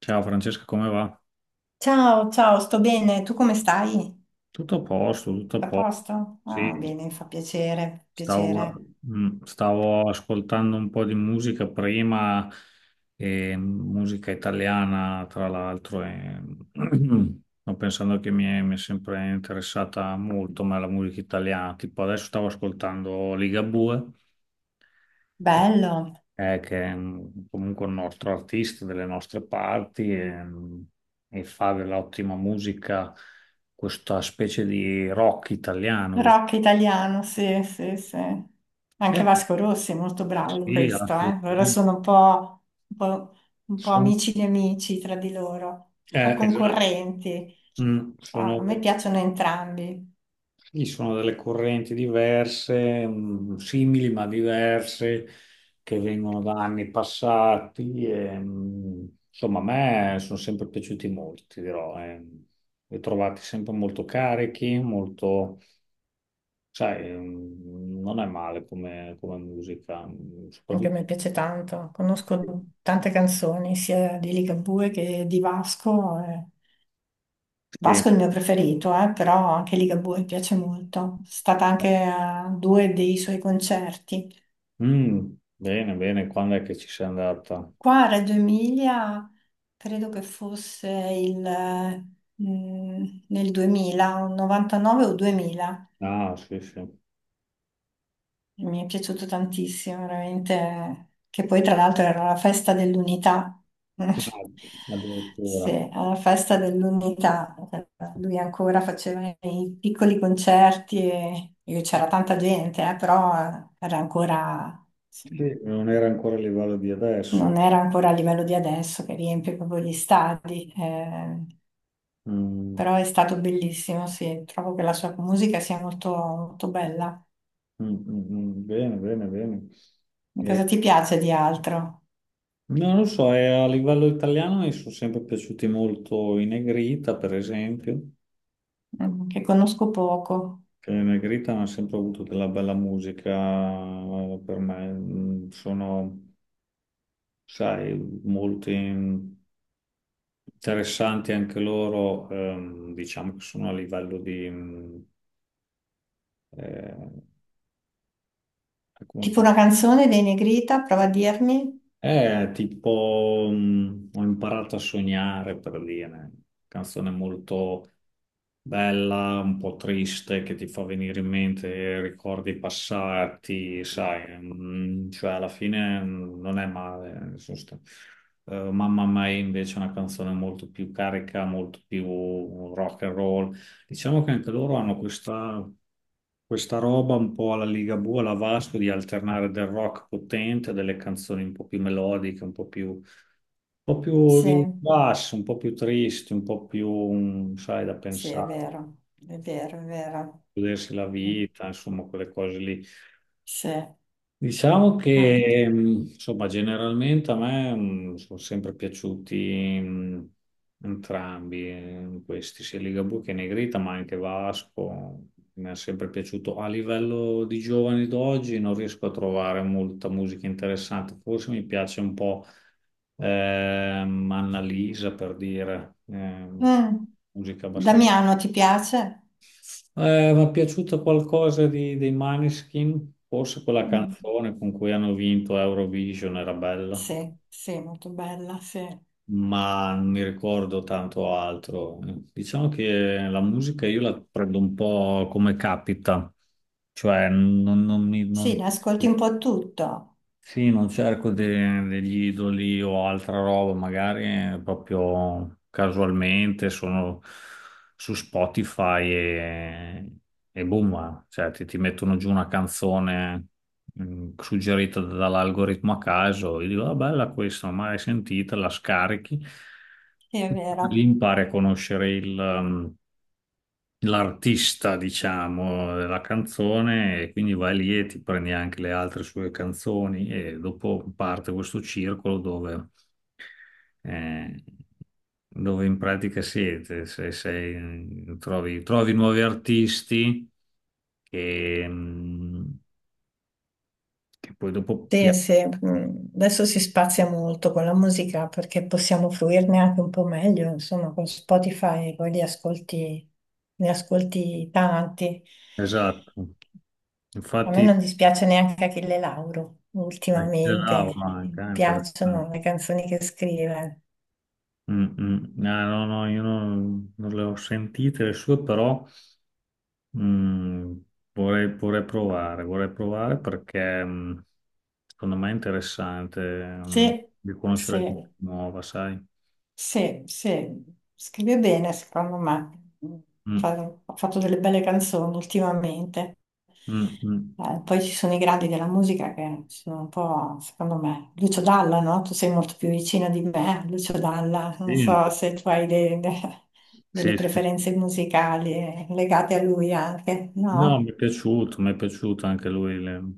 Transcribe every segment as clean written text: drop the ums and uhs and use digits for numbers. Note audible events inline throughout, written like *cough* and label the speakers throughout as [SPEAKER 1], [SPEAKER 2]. [SPEAKER 1] Ciao Francesca, come va?
[SPEAKER 2] Ciao, ciao, sto bene. Tu come stai?
[SPEAKER 1] Tutto a posto, tutto a
[SPEAKER 2] A
[SPEAKER 1] posto.
[SPEAKER 2] posto? Ah,
[SPEAKER 1] Sì,
[SPEAKER 2] bene, fa piacere,
[SPEAKER 1] stavo,
[SPEAKER 2] piacere.
[SPEAKER 1] stavo ascoltando un po' di musica prima, e musica italiana tra l'altro, e *clears throat* sto pensando che mi è sempre interessata molto ma la musica italiana. Tipo adesso stavo ascoltando Ligabue
[SPEAKER 2] Bello.
[SPEAKER 1] comunque un nostro artista delle nostre parti e fa dell'ottima musica, questa specie di rock italiano.
[SPEAKER 2] Rock italiano, sì, sì, sì. Anche
[SPEAKER 1] Eh,
[SPEAKER 2] Vasco Rossi è molto bravo in
[SPEAKER 1] sì,
[SPEAKER 2] questo, eh. Loro
[SPEAKER 1] assolutamente.
[SPEAKER 2] sono un po'
[SPEAKER 1] Sono-
[SPEAKER 2] amici di amici tra di loro, un po'
[SPEAKER 1] esatto.
[SPEAKER 2] concorrenti.
[SPEAKER 1] Mm,
[SPEAKER 2] Ah,
[SPEAKER 1] sono
[SPEAKER 2] a me piacciono entrambi.
[SPEAKER 1] Ci sono delle correnti diverse, simili ma diverse, che vengono da anni passati. E, insomma, a me sono sempre piaciuti molto, ti dirò. Eh. Li ho trovati sempre molto carichi, molto, sai, non è male come musica,
[SPEAKER 2] Anche a
[SPEAKER 1] soprattutto.
[SPEAKER 2] me piace tanto. Conosco tante canzoni, sia di Ligabue che di Vasco.
[SPEAKER 1] Sì.
[SPEAKER 2] Vasco è il mio preferito, però anche Ligabue mi piace molto. Sono stata anche a due dei suoi concerti.
[SPEAKER 1] Mm, bene, bene, quando è che ci sei andata?
[SPEAKER 2] Qua a Reggio Emilia credo che fosse nel 2000, un 99 o 2000.
[SPEAKER 1] Ah, sì, sì.
[SPEAKER 2] Mi è piaciuto tantissimo, veramente. Che poi, tra l'altro, era la festa dell'unità. *laughs*
[SPEAKER 1] Ah,
[SPEAKER 2] Sì,
[SPEAKER 1] addirittura.
[SPEAKER 2] alla festa dell'unità. Lui ancora faceva i piccoli concerti e c'era tanta gente, però era ancora, sì,
[SPEAKER 1] Sì, non era ancora a livello di adesso.
[SPEAKER 2] non era ancora a livello di adesso che riempie proprio gli stadi.
[SPEAKER 1] Mm,
[SPEAKER 2] Però è stato bellissimo, sì. Trovo che la sua musica sia molto, molto bella.
[SPEAKER 1] mm, mm, mm. Bene, bene, bene. Eh,
[SPEAKER 2] Cosa ti piace di altro?
[SPEAKER 1] no, non lo so, a livello italiano mi sono sempre piaciuti molto i Negrita, per esempio,
[SPEAKER 2] Mm, che conosco poco.
[SPEAKER 1] che i Negrita hanno sempre avuto della bella musica, per me. Mm, Sono, sai, molto interessanti anche loro, diciamo che sono a livello di, eh,
[SPEAKER 2] Tipo
[SPEAKER 1] come.
[SPEAKER 2] una canzone dei Negrita, prova a dirmi?
[SPEAKER 1] Tipo, ho imparato a sognare, per dire, canzone molto bella, un po' triste, che ti fa venire in mente ricordi passati, sai, cioè alla fine non è male. Nel senso, Mamma Mia invece è una canzone molto più carica, molto più rock and roll. Diciamo che anche loro hanno questa roba un po' alla Ligabue, alla Vasco, di alternare del rock potente, a delle canzoni un po' più melodiche, un po' più
[SPEAKER 2] Sì,
[SPEAKER 1] di basso, un po' più tristi, un po' più, mm, sai, da
[SPEAKER 2] sì, è
[SPEAKER 1] pensare,
[SPEAKER 2] vero, è vero.
[SPEAKER 1] godersi la vita, insomma, quelle cose lì.
[SPEAKER 2] Sì.
[SPEAKER 1] Diciamo
[SPEAKER 2] Ah.
[SPEAKER 1] che, insomma, generalmente a me sono sempre piaciuti entrambi, questi, sia Ligabue che Negrita, ma anche Vasco. Mi è sempre piaciuto. A livello di giovani d'oggi non riesco a trovare molta musica interessante. Forse mi piace un po' Annalisa, per dire,
[SPEAKER 2] Mm.
[SPEAKER 1] musica abbastanza,
[SPEAKER 2] Damiano, ti piace?
[SPEAKER 1] mi è piaciuto qualcosa dei Maneskin, forse quella
[SPEAKER 2] Mm.
[SPEAKER 1] canzone con cui hanno vinto Eurovision era bella,
[SPEAKER 2] Sì, sì, molto bella, sì.
[SPEAKER 1] ma non mi ricordo tanto altro. Diciamo che la musica io la prendo un po' come capita, cioè non mi...
[SPEAKER 2] Sì,
[SPEAKER 1] non-
[SPEAKER 2] ne ascolti un po' tutto,
[SPEAKER 1] Sì, non cerco degli idoli o altra roba, magari proprio casualmente sono su Spotify e boom, eh. Cioè ti mettono giù una canzone suggerita dall'algoritmo a caso, io dico, ah, bella questa, non l'ho mai sentita, la scarichi,
[SPEAKER 2] sì, è
[SPEAKER 1] lì
[SPEAKER 2] vero.
[SPEAKER 1] impari a conoscere il, mm, l'artista, diciamo, della canzone, e quindi vai lì e ti prendi anche le altre sue canzoni e dopo parte questo circolo dove, eh, dove in pratica siete, se sei, trovi nuovi artisti che, mh, che poi dopo
[SPEAKER 2] Sì,
[SPEAKER 1] piacciono.
[SPEAKER 2] sì, mm, adesso si spazia molto con la musica perché possiamo fruirne anche un po' meglio, insomma, con Spotify poi li ascolti, ne ascolti tanti.
[SPEAKER 1] Esatto,
[SPEAKER 2] A me
[SPEAKER 1] infatti
[SPEAKER 2] non dispiace neanche Achille Lauro
[SPEAKER 1] c'è
[SPEAKER 2] ultimamente,
[SPEAKER 1] Laura anche,
[SPEAKER 2] mi
[SPEAKER 1] interessante.
[SPEAKER 2] piacciono le canzoni che scrive.
[SPEAKER 1] Mm, mm. Ah, no, no, io non le ho sentite le sue, però... Mm, Vorrei provare, vorrei provare perché mm, secondo me è interessante mm,
[SPEAKER 2] Sì,
[SPEAKER 1] di conoscere gente
[SPEAKER 2] sì.
[SPEAKER 1] nuova, sai?
[SPEAKER 2] Sì, sì, scrive bene, secondo me.
[SPEAKER 1] Mm,
[SPEAKER 2] Fa- Ha fatto delle belle canzoni ultimamente.
[SPEAKER 1] mm, mm.
[SPEAKER 2] Poi ci sono i gradi della musica che sono un po', secondo me, Lucio Dalla, no? Tu sei molto più vicina di me, Lucio Dalla. Non
[SPEAKER 1] Sì,
[SPEAKER 2] so se tu hai delle
[SPEAKER 1] sì, sì.
[SPEAKER 2] preferenze musicali legate a lui anche,
[SPEAKER 1] No,
[SPEAKER 2] no?
[SPEAKER 1] mi è piaciuto anche lui,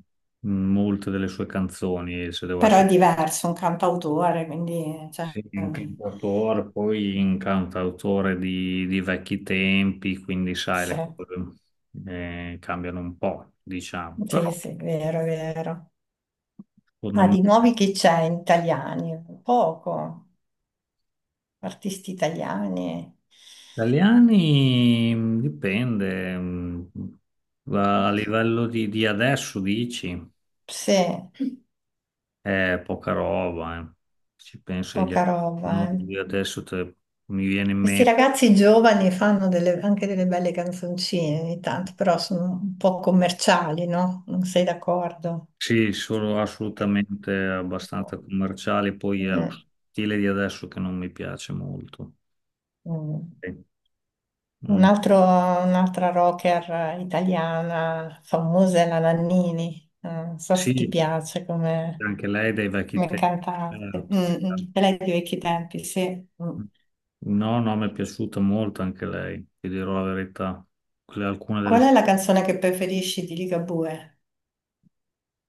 [SPEAKER 1] molte delle sue canzoni, se devo
[SPEAKER 2] Però è
[SPEAKER 1] essere
[SPEAKER 2] diverso, un cantautore, quindi... Cioè,
[SPEAKER 1] sì, un cantautore, poi un cantautore di vecchi tempi, quindi sai,
[SPEAKER 2] sì,
[SPEAKER 1] le cose cambiano un po', diciamo, però
[SPEAKER 2] sì, sì, vero, vero.
[SPEAKER 1] secondo
[SPEAKER 2] Ah,
[SPEAKER 1] me.
[SPEAKER 2] di nuovi che c'è in italiani? Poco. Artisti italiani.
[SPEAKER 1] Italiani, dipende, a livello di adesso dici,
[SPEAKER 2] Sì,
[SPEAKER 1] è poca roba, eh. Ci penso agli
[SPEAKER 2] poca roba.
[SPEAKER 1] no, di adesso te- Mi viene in
[SPEAKER 2] Questi
[SPEAKER 1] mente,
[SPEAKER 2] ragazzi giovani fanno anche delle belle canzoncine ogni tanto, però sono un po' commerciali, no? Non sei d'accordo?
[SPEAKER 1] sì, sono
[SPEAKER 2] Eh,
[SPEAKER 1] assolutamente abbastanza commerciali, poi è lo
[SPEAKER 2] Mm,
[SPEAKER 1] stile di adesso che non mi piace molto.
[SPEAKER 2] mm.
[SPEAKER 1] Sì, mm,
[SPEAKER 2] Un'altra rocker italiana famosa è la Nannini. Non so se ti
[SPEAKER 1] sì,
[SPEAKER 2] piace come...
[SPEAKER 1] anche lei dai vecchi
[SPEAKER 2] Come
[SPEAKER 1] tempi,
[SPEAKER 2] cantante.
[SPEAKER 1] certo,
[SPEAKER 2] Mm, mm.
[SPEAKER 1] certo.
[SPEAKER 2] E lei di vecchi tempi, sì. Mm.
[SPEAKER 1] No, no, mi è piaciuta molto anche lei, ti dirò la verità. Alcune delle
[SPEAKER 2] Qual è
[SPEAKER 1] sue...
[SPEAKER 2] la canzone che preferisci di Ligabue?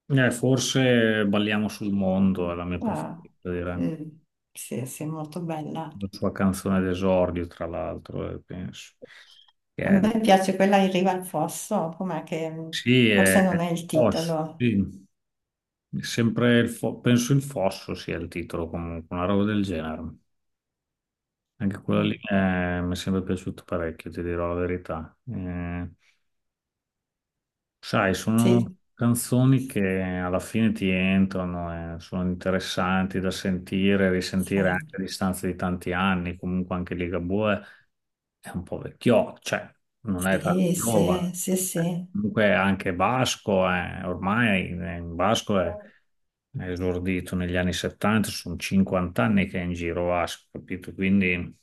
[SPEAKER 1] Forse Balliamo sul mondo è la mia
[SPEAKER 2] Ah,
[SPEAKER 1] preferita, direi.
[SPEAKER 2] mm. Sì, sì, molto bella.
[SPEAKER 1] La sua canzone d'esordio, tra l'altro, penso. Che
[SPEAKER 2] A
[SPEAKER 1] è-
[SPEAKER 2] me piace quella In riva al fosso,
[SPEAKER 1] Sì, è...
[SPEAKER 2] forse non è il
[SPEAKER 1] Fosso,
[SPEAKER 2] titolo.
[SPEAKER 1] sì. È sempre penso il Fosso sia il titolo, comunque, una roba del genere. Anche quella lì
[SPEAKER 2] Mm.
[SPEAKER 1] mi è sempre piaciuta parecchio, ti dirò la verità. Sai, sono
[SPEAKER 2] Sì,
[SPEAKER 1] canzoni che alla fine ti entrano e sono interessanti da sentire, e risentire anche a
[SPEAKER 2] sì,
[SPEAKER 1] distanza di tanti anni. Comunque anche Ligabue è un po' vecchio, cioè non è tanto
[SPEAKER 2] sì,
[SPEAKER 1] giovane.
[SPEAKER 2] sì, sì,
[SPEAKER 1] Comunque anche Vasco è, ormai
[SPEAKER 2] sì.
[SPEAKER 1] è esordito negli anni 70, sono 50 anni che è in giro Vasco, capito? Quindi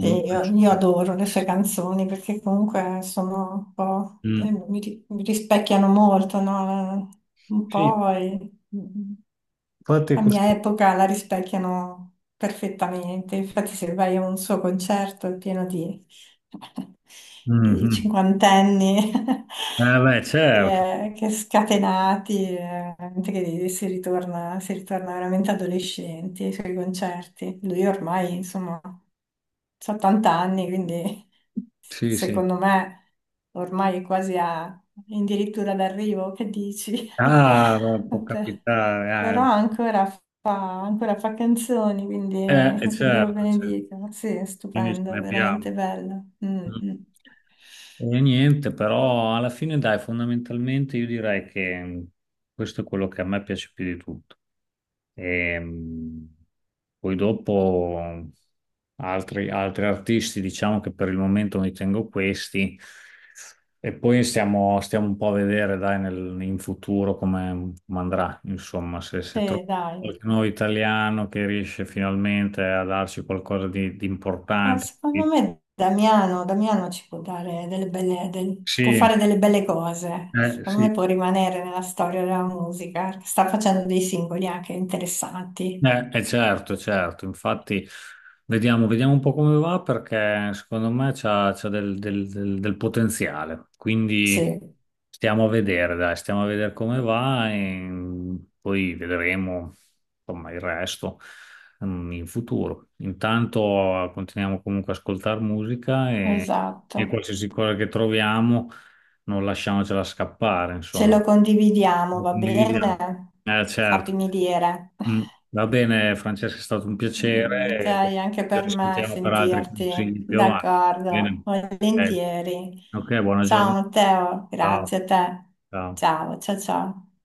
[SPEAKER 2] Sì, io adoro le sue canzoni perché comunque sono un po',
[SPEAKER 1] Mm.
[SPEAKER 2] mi rispecchiano molto, no? Un
[SPEAKER 1] Sì,
[SPEAKER 2] po' e- mm,
[SPEAKER 1] infatti
[SPEAKER 2] la mia
[SPEAKER 1] questo...
[SPEAKER 2] epoca la rispecchiano perfettamente, infatti se vai a un suo concerto è pieno di, *laughs* di
[SPEAKER 1] Mhm.
[SPEAKER 2] cinquantenni
[SPEAKER 1] Eh beh,
[SPEAKER 2] *laughs*
[SPEAKER 1] certo,
[SPEAKER 2] che scatenati, gente che si ritorna veramente adolescenti ai suoi concerti. Lui ormai, insomma, ha 80 anni, quindi
[SPEAKER 1] sì, sì.
[SPEAKER 2] secondo me ormai è quasi a, addirittura d'arrivo, che dici? *laughs*
[SPEAKER 1] Ah, ma può
[SPEAKER 2] A te. Però
[SPEAKER 1] capitare.
[SPEAKER 2] ancora ancora fa canzoni,
[SPEAKER 1] Eh,
[SPEAKER 2] quindi *laughs* che Dio lo
[SPEAKER 1] certo, certo.
[SPEAKER 2] benedica. Sì, è
[SPEAKER 1] Quindi ce ne
[SPEAKER 2] stupendo,
[SPEAKER 1] abbiamo.
[SPEAKER 2] veramente bello. Mm,
[SPEAKER 1] Mm.
[SPEAKER 2] mm.
[SPEAKER 1] E niente, però alla fine, dai, fondamentalmente io direi che questo è quello che a me piace più di tutto. Ehm, poi dopo altri artisti, diciamo che per il momento mi tengo questi. E poi stiamo un po' a vedere, dai, nel- in futuro come andrà, insomma, se
[SPEAKER 2] Sì,
[SPEAKER 1] troviamo
[SPEAKER 2] dai.
[SPEAKER 1] qualche nuovo italiano che riesce finalmente a darci qualcosa di
[SPEAKER 2] Ah,
[SPEAKER 1] importante.
[SPEAKER 2] secondo me Damiano, Damiano ci può dare può
[SPEAKER 1] Sì,
[SPEAKER 2] fare delle belle cose. Secondo me
[SPEAKER 1] sì.
[SPEAKER 2] può rimanere nella storia della musica. Sta facendo dei singoli anche interessanti.
[SPEAKER 1] Certo, certo, infatti vediamo un po' come va perché secondo me c'ha del, del potenziale, quindi
[SPEAKER 2] Sì,
[SPEAKER 1] stiamo a vedere, dai, stiamo a vedere come va e poi vedremo insomma il resto mm, in futuro. Intanto continuiamo comunque a ascoltare musica
[SPEAKER 2] esatto.
[SPEAKER 1] e qualsiasi cosa che troviamo non lasciamocela scappare,
[SPEAKER 2] Ce
[SPEAKER 1] insomma.
[SPEAKER 2] lo condividiamo,
[SPEAKER 1] Lo
[SPEAKER 2] va
[SPEAKER 1] condividiamo.
[SPEAKER 2] bene?
[SPEAKER 1] Certo.
[SPEAKER 2] Sappimi dire.
[SPEAKER 1] Mm.
[SPEAKER 2] *laughs*
[SPEAKER 1] Va bene, Francesca, è stato un
[SPEAKER 2] Mm, ok,
[SPEAKER 1] piacere.
[SPEAKER 2] anche
[SPEAKER 1] Ci
[SPEAKER 2] per me
[SPEAKER 1] sentiamo per altri
[SPEAKER 2] sentirti,
[SPEAKER 1] consigli più avanti. Bene.
[SPEAKER 2] d'accordo,
[SPEAKER 1] Eh,
[SPEAKER 2] volentieri.
[SPEAKER 1] Ok, buona
[SPEAKER 2] Ciao
[SPEAKER 1] giornata.
[SPEAKER 2] Matteo,
[SPEAKER 1] Ciao.
[SPEAKER 2] grazie a te.
[SPEAKER 1] Ciao.
[SPEAKER 2] Ciao, ciao, ciao.